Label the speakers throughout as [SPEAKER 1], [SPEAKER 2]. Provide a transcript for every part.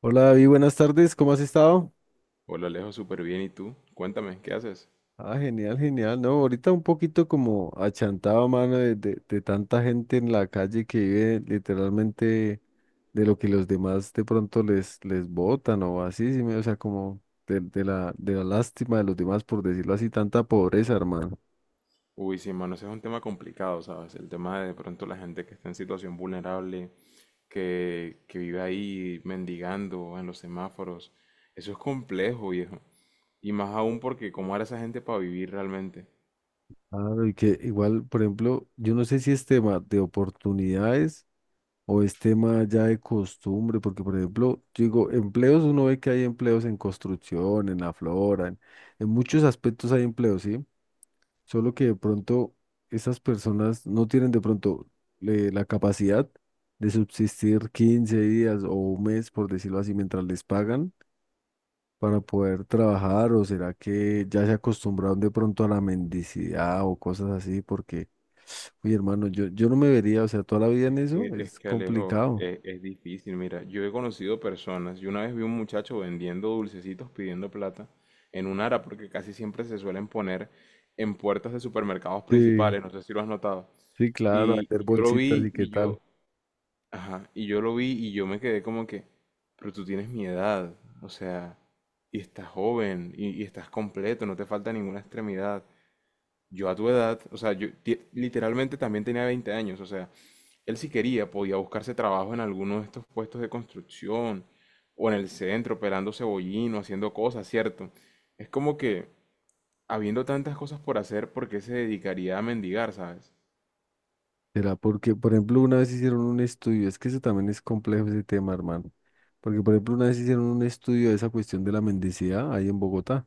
[SPEAKER 1] Hola David, buenas tardes, ¿cómo has estado?
[SPEAKER 2] Hola Alejo, súper bien. ¿Y tú? Cuéntame, ¿qué haces?
[SPEAKER 1] Ah, genial, genial, ¿no? Ahorita un poquito como achantado, mano, de tanta gente en la calle que vive literalmente de lo que los demás de pronto les botan o así, sí, o sea, como de la lástima de los demás, por decirlo así, tanta pobreza, hermano.
[SPEAKER 2] Uy, sí, hermano, ese es un tema complicado, ¿sabes? El tema de pronto la gente que está en situación vulnerable, que vive ahí mendigando en los semáforos. Eso es complejo, viejo. Y más aún porque cómo hará esa gente para vivir realmente.
[SPEAKER 1] Claro, y que igual, por ejemplo, yo no sé si es tema de oportunidades o es tema ya de costumbre, porque por ejemplo, yo digo, empleos, uno ve que hay empleos en construcción, en la flora, en muchos aspectos hay empleos, ¿sí? Solo que de pronto esas personas no tienen de pronto la capacidad de subsistir 15 días o un mes, por decirlo así, mientras les pagan para poder trabajar, o será que ya se acostumbraron de pronto a la mendicidad o cosas así, porque, oye hermano, yo no me vería, o sea, toda la vida en
[SPEAKER 2] Es
[SPEAKER 1] eso
[SPEAKER 2] que, es
[SPEAKER 1] es
[SPEAKER 2] que Alejo,
[SPEAKER 1] complicado.
[SPEAKER 2] es difícil. Mira, yo he conocido personas. Yo una vez vi un muchacho vendiendo dulcecitos pidiendo plata en un ara porque casi siempre se suelen poner en puertas de supermercados
[SPEAKER 1] Sí.
[SPEAKER 2] principales. No sé si lo has notado.
[SPEAKER 1] Sí, claro, hacer
[SPEAKER 2] Y yo lo
[SPEAKER 1] bolsitas y
[SPEAKER 2] vi
[SPEAKER 1] qué
[SPEAKER 2] y
[SPEAKER 1] tal.
[SPEAKER 2] yo, ajá, y yo lo vi y yo me quedé como que, pero tú tienes mi edad, o sea, y estás joven y estás completo, no te falta ninguna extremidad. Yo a tu edad, o sea, literalmente también tenía 20 años, o sea, él si quería podía buscarse trabajo en alguno de estos puestos de construcción o en el centro operando cebollino, haciendo cosas, ¿cierto? Es como que, habiendo tantas cosas por hacer, ¿por qué se dedicaría a mendigar, sabes?
[SPEAKER 1] Será porque, por ejemplo, una vez hicieron un estudio, es que eso también es complejo ese tema, hermano. Porque, por ejemplo, una vez hicieron un estudio de esa cuestión de la mendicidad ahí en Bogotá.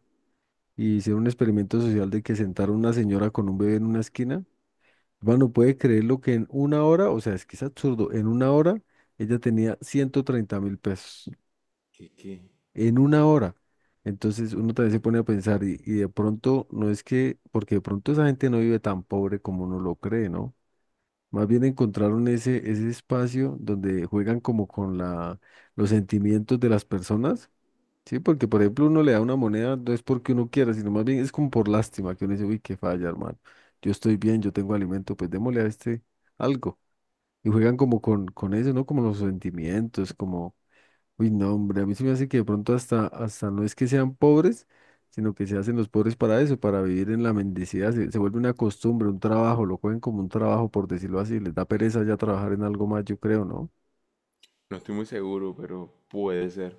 [SPEAKER 1] Y hicieron un experimento social de que sentaron una señora con un bebé en una esquina. Hermano, puede creer lo que en una hora, o sea, es que es absurdo, en una hora ella tenía 130.000 pesos.
[SPEAKER 2] ¿Qué, qué?
[SPEAKER 1] En una hora. Entonces uno también se pone a pensar, y de pronto, no es que, porque de pronto esa gente no vive tan pobre como uno lo cree, ¿no? Más bien encontraron ese espacio donde juegan como con los sentimientos de las personas, ¿sí? Porque, por ejemplo, uno le da una moneda, no es porque uno quiera, sino más bien es como por lástima, que uno dice, uy, qué falla, hermano. Yo estoy bien, yo tengo alimento, pues démosle a este algo. Y juegan como con eso, ¿no? Como los sentimientos, como. Uy, no, hombre, a mí se me hace que de pronto hasta no es que sean pobres, sino que se hacen los pobres para eso, para vivir en la mendicidad. Se vuelve una costumbre, un trabajo, lo cogen como un trabajo, por decirlo así. Les da pereza ya trabajar en algo más, yo creo, ¿no?
[SPEAKER 2] No estoy muy seguro, pero puede ser.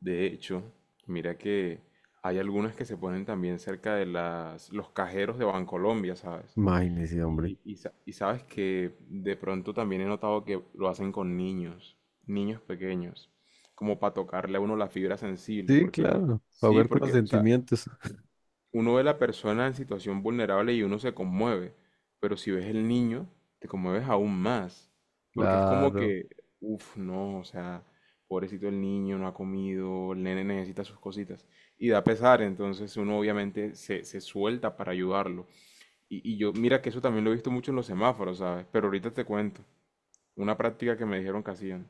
[SPEAKER 2] De hecho, mira que hay algunas que se ponen también cerca de los cajeros de Bancolombia, ¿sabes?
[SPEAKER 1] Imagínese, hombre.
[SPEAKER 2] Y sabes que de pronto también he notado que lo hacen con niños, niños pequeños, como para tocarle a uno la fibra sensible,
[SPEAKER 1] Sí,
[SPEAKER 2] porque
[SPEAKER 1] claro, para
[SPEAKER 2] sí,
[SPEAKER 1] jugar con los
[SPEAKER 2] porque, o sea,
[SPEAKER 1] sentimientos.
[SPEAKER 2] uno ve a la persona en situación vulnerable y uno se conmueve, pero si ves el niño, te conmueves aún más, porque es como
[SPEAKER 1] Claro.
[SPEAKER 2] que, uff, no, o sea, pobrecito el niño, no ha comido, el nene necesita sus cositas, y da pesar, entonces uno obviamente se suelta para ayudarlo. Y yo, mira que eso también lo he visto mucho en los semáforos, ¿sabes? Pero ahorita te cuento, una práctica que me dijeron que hacían.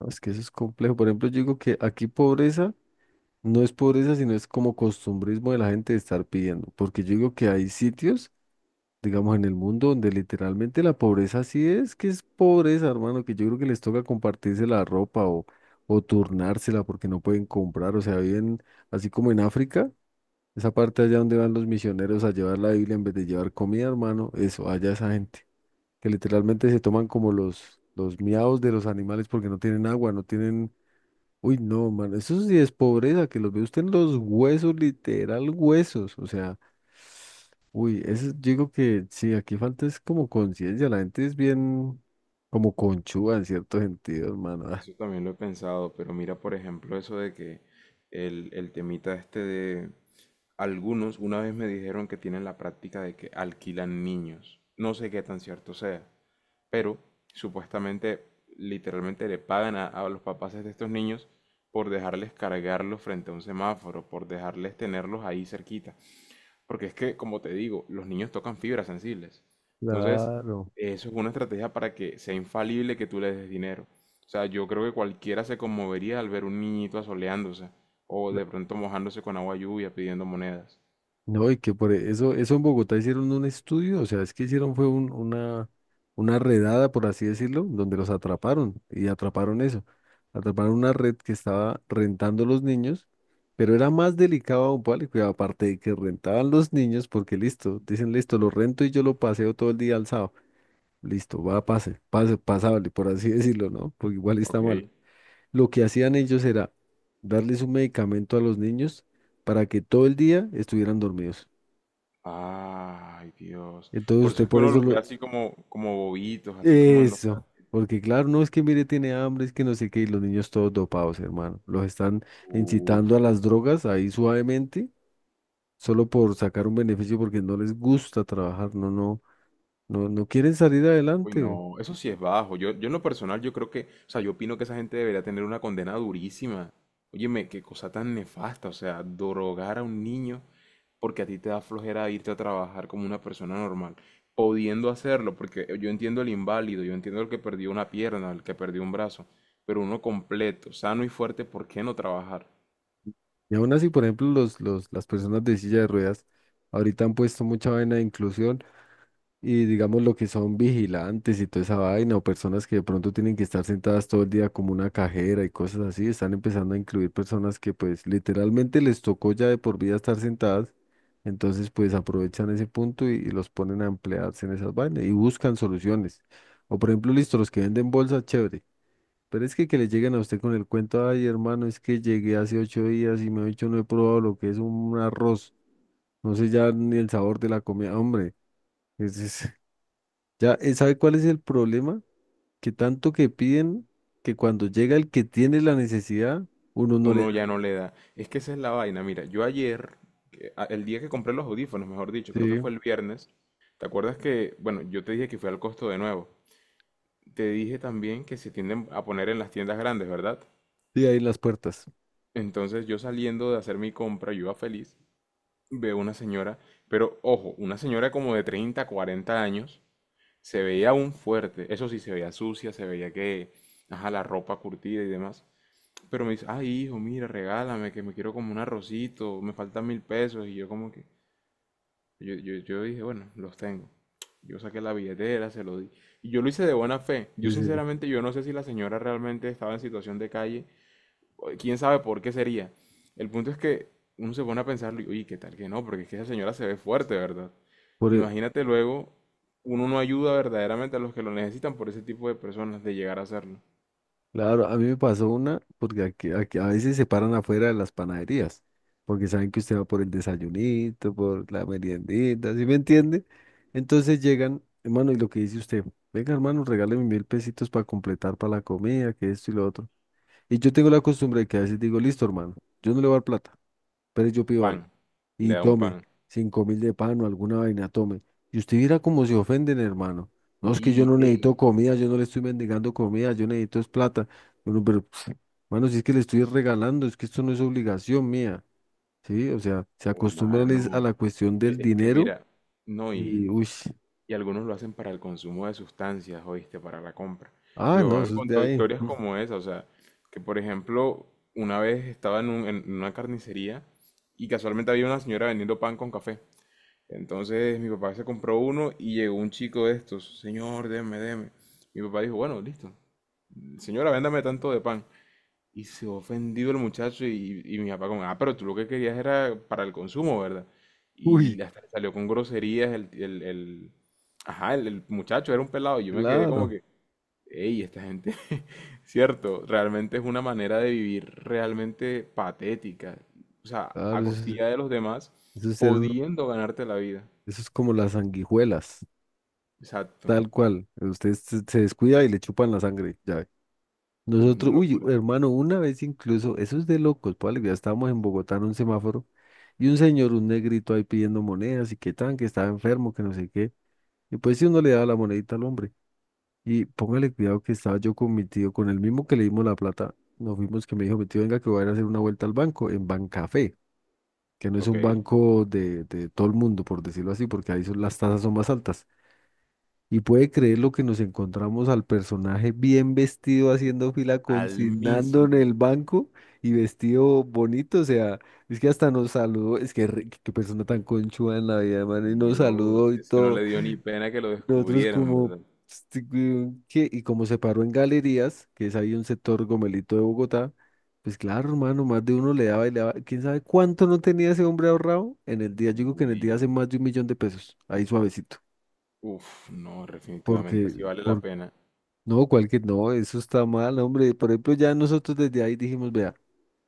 [SPEAKER 1] No, es que eso es complejo. Por ejemplo, yo digo que aquí pobreza no es pobreza, sino es como costumbrismo de la gente de estar pidiendo. Porque yo digo que hay sitios, digamos, en el mundo donde literalmente la pobreza sí es, que es pobreza, hermano, que yo creo que les toca compartirse la ropa o turnársela porque no pueden comprar, o sea, viven así como en África, esa parte allá donde van los misioneros a llevar la Biblia en vez de llevar comida, hermano, eso, allá esa gente, que literalmente se toman como los miados de los animales porque no tienen agua, no tienen. Uy, no, man, eso sí es pobreza, que los ve usted en los huesos, literal huesos, o sea, uy, eso yo digo que sí, aquí falta es como conciencia, la gente es bien como conchúa en cierto sentido, hermano. Ah.
[SPEAKER 2] Eso también lo he pensado, pero mira, por ejemplo, eso de que el temita este de algunos, una vez me dijeron que tienen la práctica de que alquilan niños. No sé qué tan cierto sea, pero supuestamente, literalmente le pagan a los papás de estos niños por dejarles cargarlos frente a un semáforo, por dejarles tenerlos ahí cerquita. Porque es que, como te digo, los niños tocan fibras sensibles. Entonces,
[SPEAKER 1] Claro.
[SPEAKER 2] eso es una estrategia para que sea infalible que tú le des dinero. O sea, yo creo que cualquiera se conmovería al ver un niñito asoleándose o
[SPEAKER 1] cla-
[SPEAKER 2] de pronto mojándose con agua lluvia pidiendo monedas.
[SPEAKER 1] No, y que por eso en Bogotá hicieron un estudio, o sea, es que hicieron fue una redada, por así decirlo, donde los atraparon y atraparon eso. Atraparon una red que estaba rentando los niños, pero era más delicado aún, ¿vale? Cuidado, aparte de que rentaban los niños, porque listo, dicen listo, lo rento y yo lo paseo todo el día alzado. Listo, va, pase, pase, pasable, por así decirlo, ¿no? Porque igual está
[SPEAKER 2] Ok.
[SPEAKER 1] mal. Lo que hacían ellos era darles un medicamento a los niños para que todo el día estuvieran dormidos.
[SPEAKER 2] Ay, Dios.
[SPEAKER 1] Entonces
[SPEAKER 2] Por eso
[SPEAKER 1] usted
[SPEAKER 2] es que
[SPEAKER 1] por
[SPEAKER 2] uno
[SPEAKER 1] eso
[SPEAKER 2] los ve
[SPEAKER 1] lo-
[SPEAKER 2] así como, como bobitos, así como en los...
[SPEAKER 1] Eso, porque claro, no es que mire, tiene hambre, es que no sé qué, y los niños todos dopados, hermano. Los están incitando a las drogas ahí suavemente, solo por sacar un beneficio porque no les gusta trabajar, no, no, no, no quieren salir
[SPEAKER 2] Uy,
[SPEAKER 1] adelante.
[SPEAKER 2] no, eso sí es bajo. Yo en lo personal, yo creo que, o sea, yo opino que esa gente debería tener una condena durísima. Óyeme, qué cosa tan nefasta, o sea, drogar a un niño porque a ti te da flojera irte a trabajar como una persona normal, pudiendo hacerlo, porque yo entiendo el inválido, yo entiendo el que perdió una pierna, el que perdió un brazo, pero uno completo, sano y fuerte, ¿por qué no trabajar?
[SPEAKER 1] Y aún así, por ejemplo, las personas de silla de ruedas ahorita han puesto mucha vaina de inclusión. Y digamos lo que son vigilantes y toda esa vaina, o personas que de pronto tienen que estar sentadas todo el día como una cajera y cosas así, están empezando a incluir personas que pues literalmente les tocó ya de por vida estar sentadas, entonces pues aprovechan ese punto y los ponen a emplearse en esas vainas y buscan soluciones. O por ejemplo, listo, los que venden bolsas, chévere, pero es que le lleguen a usted con el cuento, ay hermano, es que llegué hace 8 días y me he hecho no he probado lo que es un arroz, no sé ya ni el sabor de la comida, hombre. es, es- ya, ¿sabe cuál es el problema? Que tanto que piden que cuando llega el que tiene la necesidad, uno no le
[SPEAKER 2] Uno
[SPEAKER 1] da.
[SPEAKER 2] ya no le da. Es que esa es la vaina. Mira, yo ayer, el día que compré los audífonos, mejor dicho, creo que
[SPEAKER 1] Sí,
[SPEAKER 2] fue el viernes, ¿te acuerdas que, bueno, yo te dije que fui al costo de nuevo? Te dije también que se tienden a poner en las tiendas grandes, ¿verdad?
[SPEAKER 1] sí, ahí en las puertas.
[SPEAKER 2] Entonces yo saliendo de hacer mi compra, yo iba feliz, veo una señora, pero ojo, una señora como de 30 40 años, se veía aún fuerte, eso sí, se veía sucia, se veía que, ajá, la ropa curtida y demás. Pero me dice, ay, hijo, mira, regálame, que me quiero como un arrocito, me faltan 1.000 pesos. Y yo como que, yo dije, bueno, los tengo. Yo saqué la billetera, se lo di. Y yo lo hice de buena fe. Yo
[SPEAKER 1] Sí, sí.
[SPEAKER 2] sinceramente, yo no sé si la señora realmente estaba en situación de calle. O quién sabe por qué sería. El punto es que uno se pone a pensarlo y, uy, ¿qué tal que no? Porque es que esa señora se ve fuerte, ¿verdad?
[SPEAKER 1] Por, e-
[SPEAKER 2] Imagínate luego, uno no ayuda verdaderamente a los que lo necesitan por ese tipo de personas de llegar a hacerlo.
[SPEAKER 1] claro, a mí me pasó una, porque aquí a veces se paran afuera de las panaderías, porque saben que usted va por el desayunito, por la meriendita, ¿sí me entiende? Entonces llegan, hermano, y lo que dice usted, venga, hermano, regáleme 1.000 pesitos para completar para la comida, que esto y lo otro. Y yo tengo la costumbre de que a veces digo, listo, hermano, yo no le voy a dar plata, pero yo pido
[SPEAKER 2] Pan,
[SPEAKER 1] algo.
[SPEAKER 2] le
[SPEAKER 1] Y
[SPEAKER 2] da un
[SPEAKER 1] tome
[SPEAKER 2] pan.
[SPEAKER 1] 5.000 de pan o alguna vaina, tome. Y usted viera cómo se ofenden, hermano. No, es que yo
[SPEAKER 2] Y,
[SPEAKER 1] no
[SPEAKER 2] ey,
[SPEAKER 1] necesito comida, yo no le estoy mendigando comida, yo necesito es plata. Bueno, pero, pf, hermano, si es que le estoy regalando, es que esto no es obligación mía, ¿sí? O sea, se
[SPEAKER 2] uy,
[SPEAKER 1] acostumbran es a
[SPEAKER 2] mano.
[SPEAKER 1] la cuestión
[SPEAKER 2] Es
[SPEAKER 1] del
[SPEAKER 2] que, es que
[SPEAKER 1] dinero
[SPEAKER 2] mira, no,
[SPEAKER 1] y, uy,
[SPEAKER 2] y algunos lo hacen para el consumo de sustancias, oíste, para la compra. Mi
[SPEAKER 1] ah, no,
[SPEAKER 2] papá me
[SPEAKER 1] eso es de
[SPEAKER 2] contó
[SPEAKER 1] ahí.
[SPEAKER 2] historias como esa, o sea, que por ejemplo, una vez estaba en, en una carnicería y casualmente había una señora vendiendo pan con café. Entonces mi papá se compró uno y llegó un chico de estos, señor, deme, deme. Mi papá dijo, bueno, listo, señora, véndame tanto de pan. Y se ofendido el muchacho y mi papá como, ah, pero tú lo que querías era para el consumo, ¿verdad? Y
[SPEAKER 1] Uy,
[SPEAKER 2] hasta le salió con groserías ajá, el muchacho era un pelado. Y yo me quedé como
[SPEAKER 1] claro,
[SPEAKER 2] que, hey, esta gente, cierto, realmente es una manera de vivir realmente patética. O sea,
[SPEAKER 1] claro,
[SPEAKER 2] a costilla de los demás,
[SPEAKER 1] eso es ser uno-
[SPEAKER 2] pudiendo ganarte la vida.
[SPEAKER 1] eso es como las sanguijuelas,
[SPEAKER 2] Exacto.
[SPEAKER 1] tal cual. Usted se descuida y le chupan la sangre, ya.
[SPEAKER 2] Una
[SPEAKER 1] Nosotros, uy,
[SPEAKER 2] locura.
[SPEAKER 1] hermano, una vez incluso, eso es de locos, pues ya estábamos en Bogotá en un semáforo y un señor, un negrito ahí pidiendo monedas y qué tan, que estaba enfermo, que no sé qué. Y pues si uno le daba la monedita al hombre. Y póngale cuidado que estaba yo con mi tío, con el mismo que le dimos la plata, nos fuimos que me dijo, mi tío, venga que voy a ir a hacer una vuelta al banco, en Bancafé, que no es un
[SPEAKER 2] Ok.
[SPEAKER 1] banco de todo el mundo, por decirlo así, porque ahí son, las tasas son más altas. Y puede creer lo que nos encontramos al personaje bien vestido haciendo fila,
[SPEAKER 2] Al
[SPEAKER 1] consignando en
[SPEAKER 2] mismo.
[SPEAKER 1] el banco y vestido bonito. O sea, es que hasta nos saludó. Es que qué persona tan conchuda en la vida, man. Y nos saludó
[SPEAKER 2] Dios,
[SPEAKER 1] y
[SPEAKER 2] ese no
[SPEAKER 1] todo.
[SPEAKER 2] le dio ni pena que lo
[SPEAKER 1] Y nosotros
[SPEAKER 2] descubrieran,
[SPEAKER 1] como...
[SPEAKER 2] ¿verdad?
[SPEAKER 1] este, weón, ¿qué? Y como se paró en galerías, que es ahí un sector gomelito de Bogotá, pues claro, hermano, más de uno le daba y le daba. ¿Quién sabe cuánto no tenía ese hombre ahorrado? En el día, yo digo que en el
[SPEAKER 2] Uy,
[SPEAKER 1] día hace más de un millón de pesos. Ahí suavecito.
[SPEAKER 2] uf, no, definitivamente
[SPEAKER 1] Porque...
[SPEAKER 2] así vale la
[SPEAKER 1] Porque
[SPEAKER 2] pena.
[SPEAKER 1] No, cualquier, no, eso está mal, hombre. Por ejemplo, ya nosotros desde ahí dijimos, vea,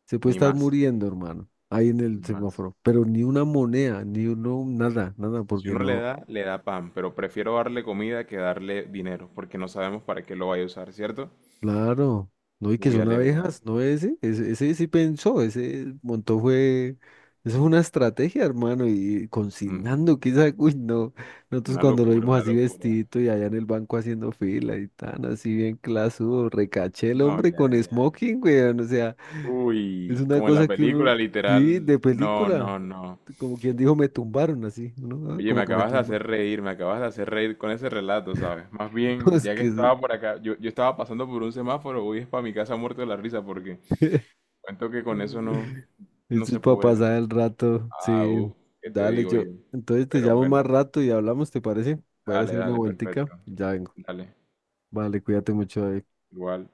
[SPEAKER 1] se puede
[SPEAKER 2] Ni
[SPEAKER 1] estar
[SPEAKER 2] más,
[SPEAKER 1] muriendo, hermano, ahí en el
[SPEAKER 2] ni más.
[SPEAKER 1] semáforo, pero ni una moneda, ni uno, nada, nada,
[SPEAKER 2] Si
[SPEAKER 1] porque
[SPEAKER 2] uno
[SPEAKER 1] no,
[SPEAKER 2] le da pan, pero prefiero darle comida que darle dinero, porque no sabemos para qué lo vaya a usar, ¿cierto?
[SPEAKER 1] claro, no, y que
[SPEAKER 2] Uy,
[SPEAKER 1] son
[SPEAKER 2] Alejo.
[SPEAKER 1] abejas, no ese sí pensó, ese montó fue, eso es una estrategia, hermano, y
[SPEAKER 2] Mm,
[SPEAKER 1] consignando, quizás, uy, no, nosotros
[SPEAKER 2] una
[SPEAKER 1] cuando lo
[SPEAKER 2] locura,
[SPEAKER 1] vimos
[SPEAKER 2] una
[SPEAKER 1] así
[SPEAKER 2] locura.
[SPEAKER 1] vestidito y allá en el banco haciendo fila y tan así bien clasudo, recaché el
[SPEAKER 2] No,
[SPEAKER 1] hombre
[SPEAKER 2] ya,
[SPEAKER 1] con
[SPEAKER 2] ya.
[SPEAKER 1] smoking, weón, o sea. Es
[SPEAKER 2] Uy,
[SPEAKER 1] una
[SPEAKER 2] como en la
[SPEAKER 1] cosa que
[SPEAKER 2] película,
[SPEAKER 1] uno, sí,
[SPEAKER 2] literal.
[SPEAKER 1] de
[SPEAKER 2] No,
[SPEAKER 1] película,
[SPEAKER 2] no, no.
[SPEAKER 1] como quien dijo, me tumbaron así, ¿no? Ah,
[SPEAKER 2] Oye, me
[SPEAKER 1] como que me
[SPEAKER 2] acabas de
[SPEAKER 1] tumbaron.
[SPEAKER 2] hacer reír, me acabas de hacer reír con ese relato, ¿sabes? Más bien,
[SPEAKER 1] Es
[SPEAKER 2] ya que
[SPEAKER 1] que
[SPEAKER 2] estaba por acá, yo estaba pasando por un semáforo, uy, es para mi casa muerto de la risa, porque
[SPEAKER 1] es-
[SPEAKER 2] cuento que con eso no, no
[SPEAKER 1] esto es
[SPEAKER 2] se
[SPEAKER 1] para
[SPEAKER 2] puede.
[SPEAKER 1] pasar el rato,
[SPEAKER 2] Ah,
[SPEAKER 1] sí,
[SPEAKER 2] uff, ¿qué te
[SPEAKER 1] dale,
[SPEAKER 2] digo
[SPEAKER 1] yo.
[SPEAKER 2] yo?
[SPEAKER 1] Entonces te
[SPEAKER 2] Pero
[SPEAKER 1] llamo
[SPEAKER 2] bueno,
[SPEAKER 1] más rato y hablamos, ¿te parece? Voy a ir a
[SPEAKER 2] dale,
[SPEAKER 1] hacer una
[SPEAKER 2] dale,
[SPEAKER 1] vueltica,
[SPEAKER 2] perfecto.
[SPEAKER 1] ya vengo.
[SPEAKER 2] Dale,
[SPEAKER 1] Vale, cuídate mucho, David.
[SPEAKER 2] igual.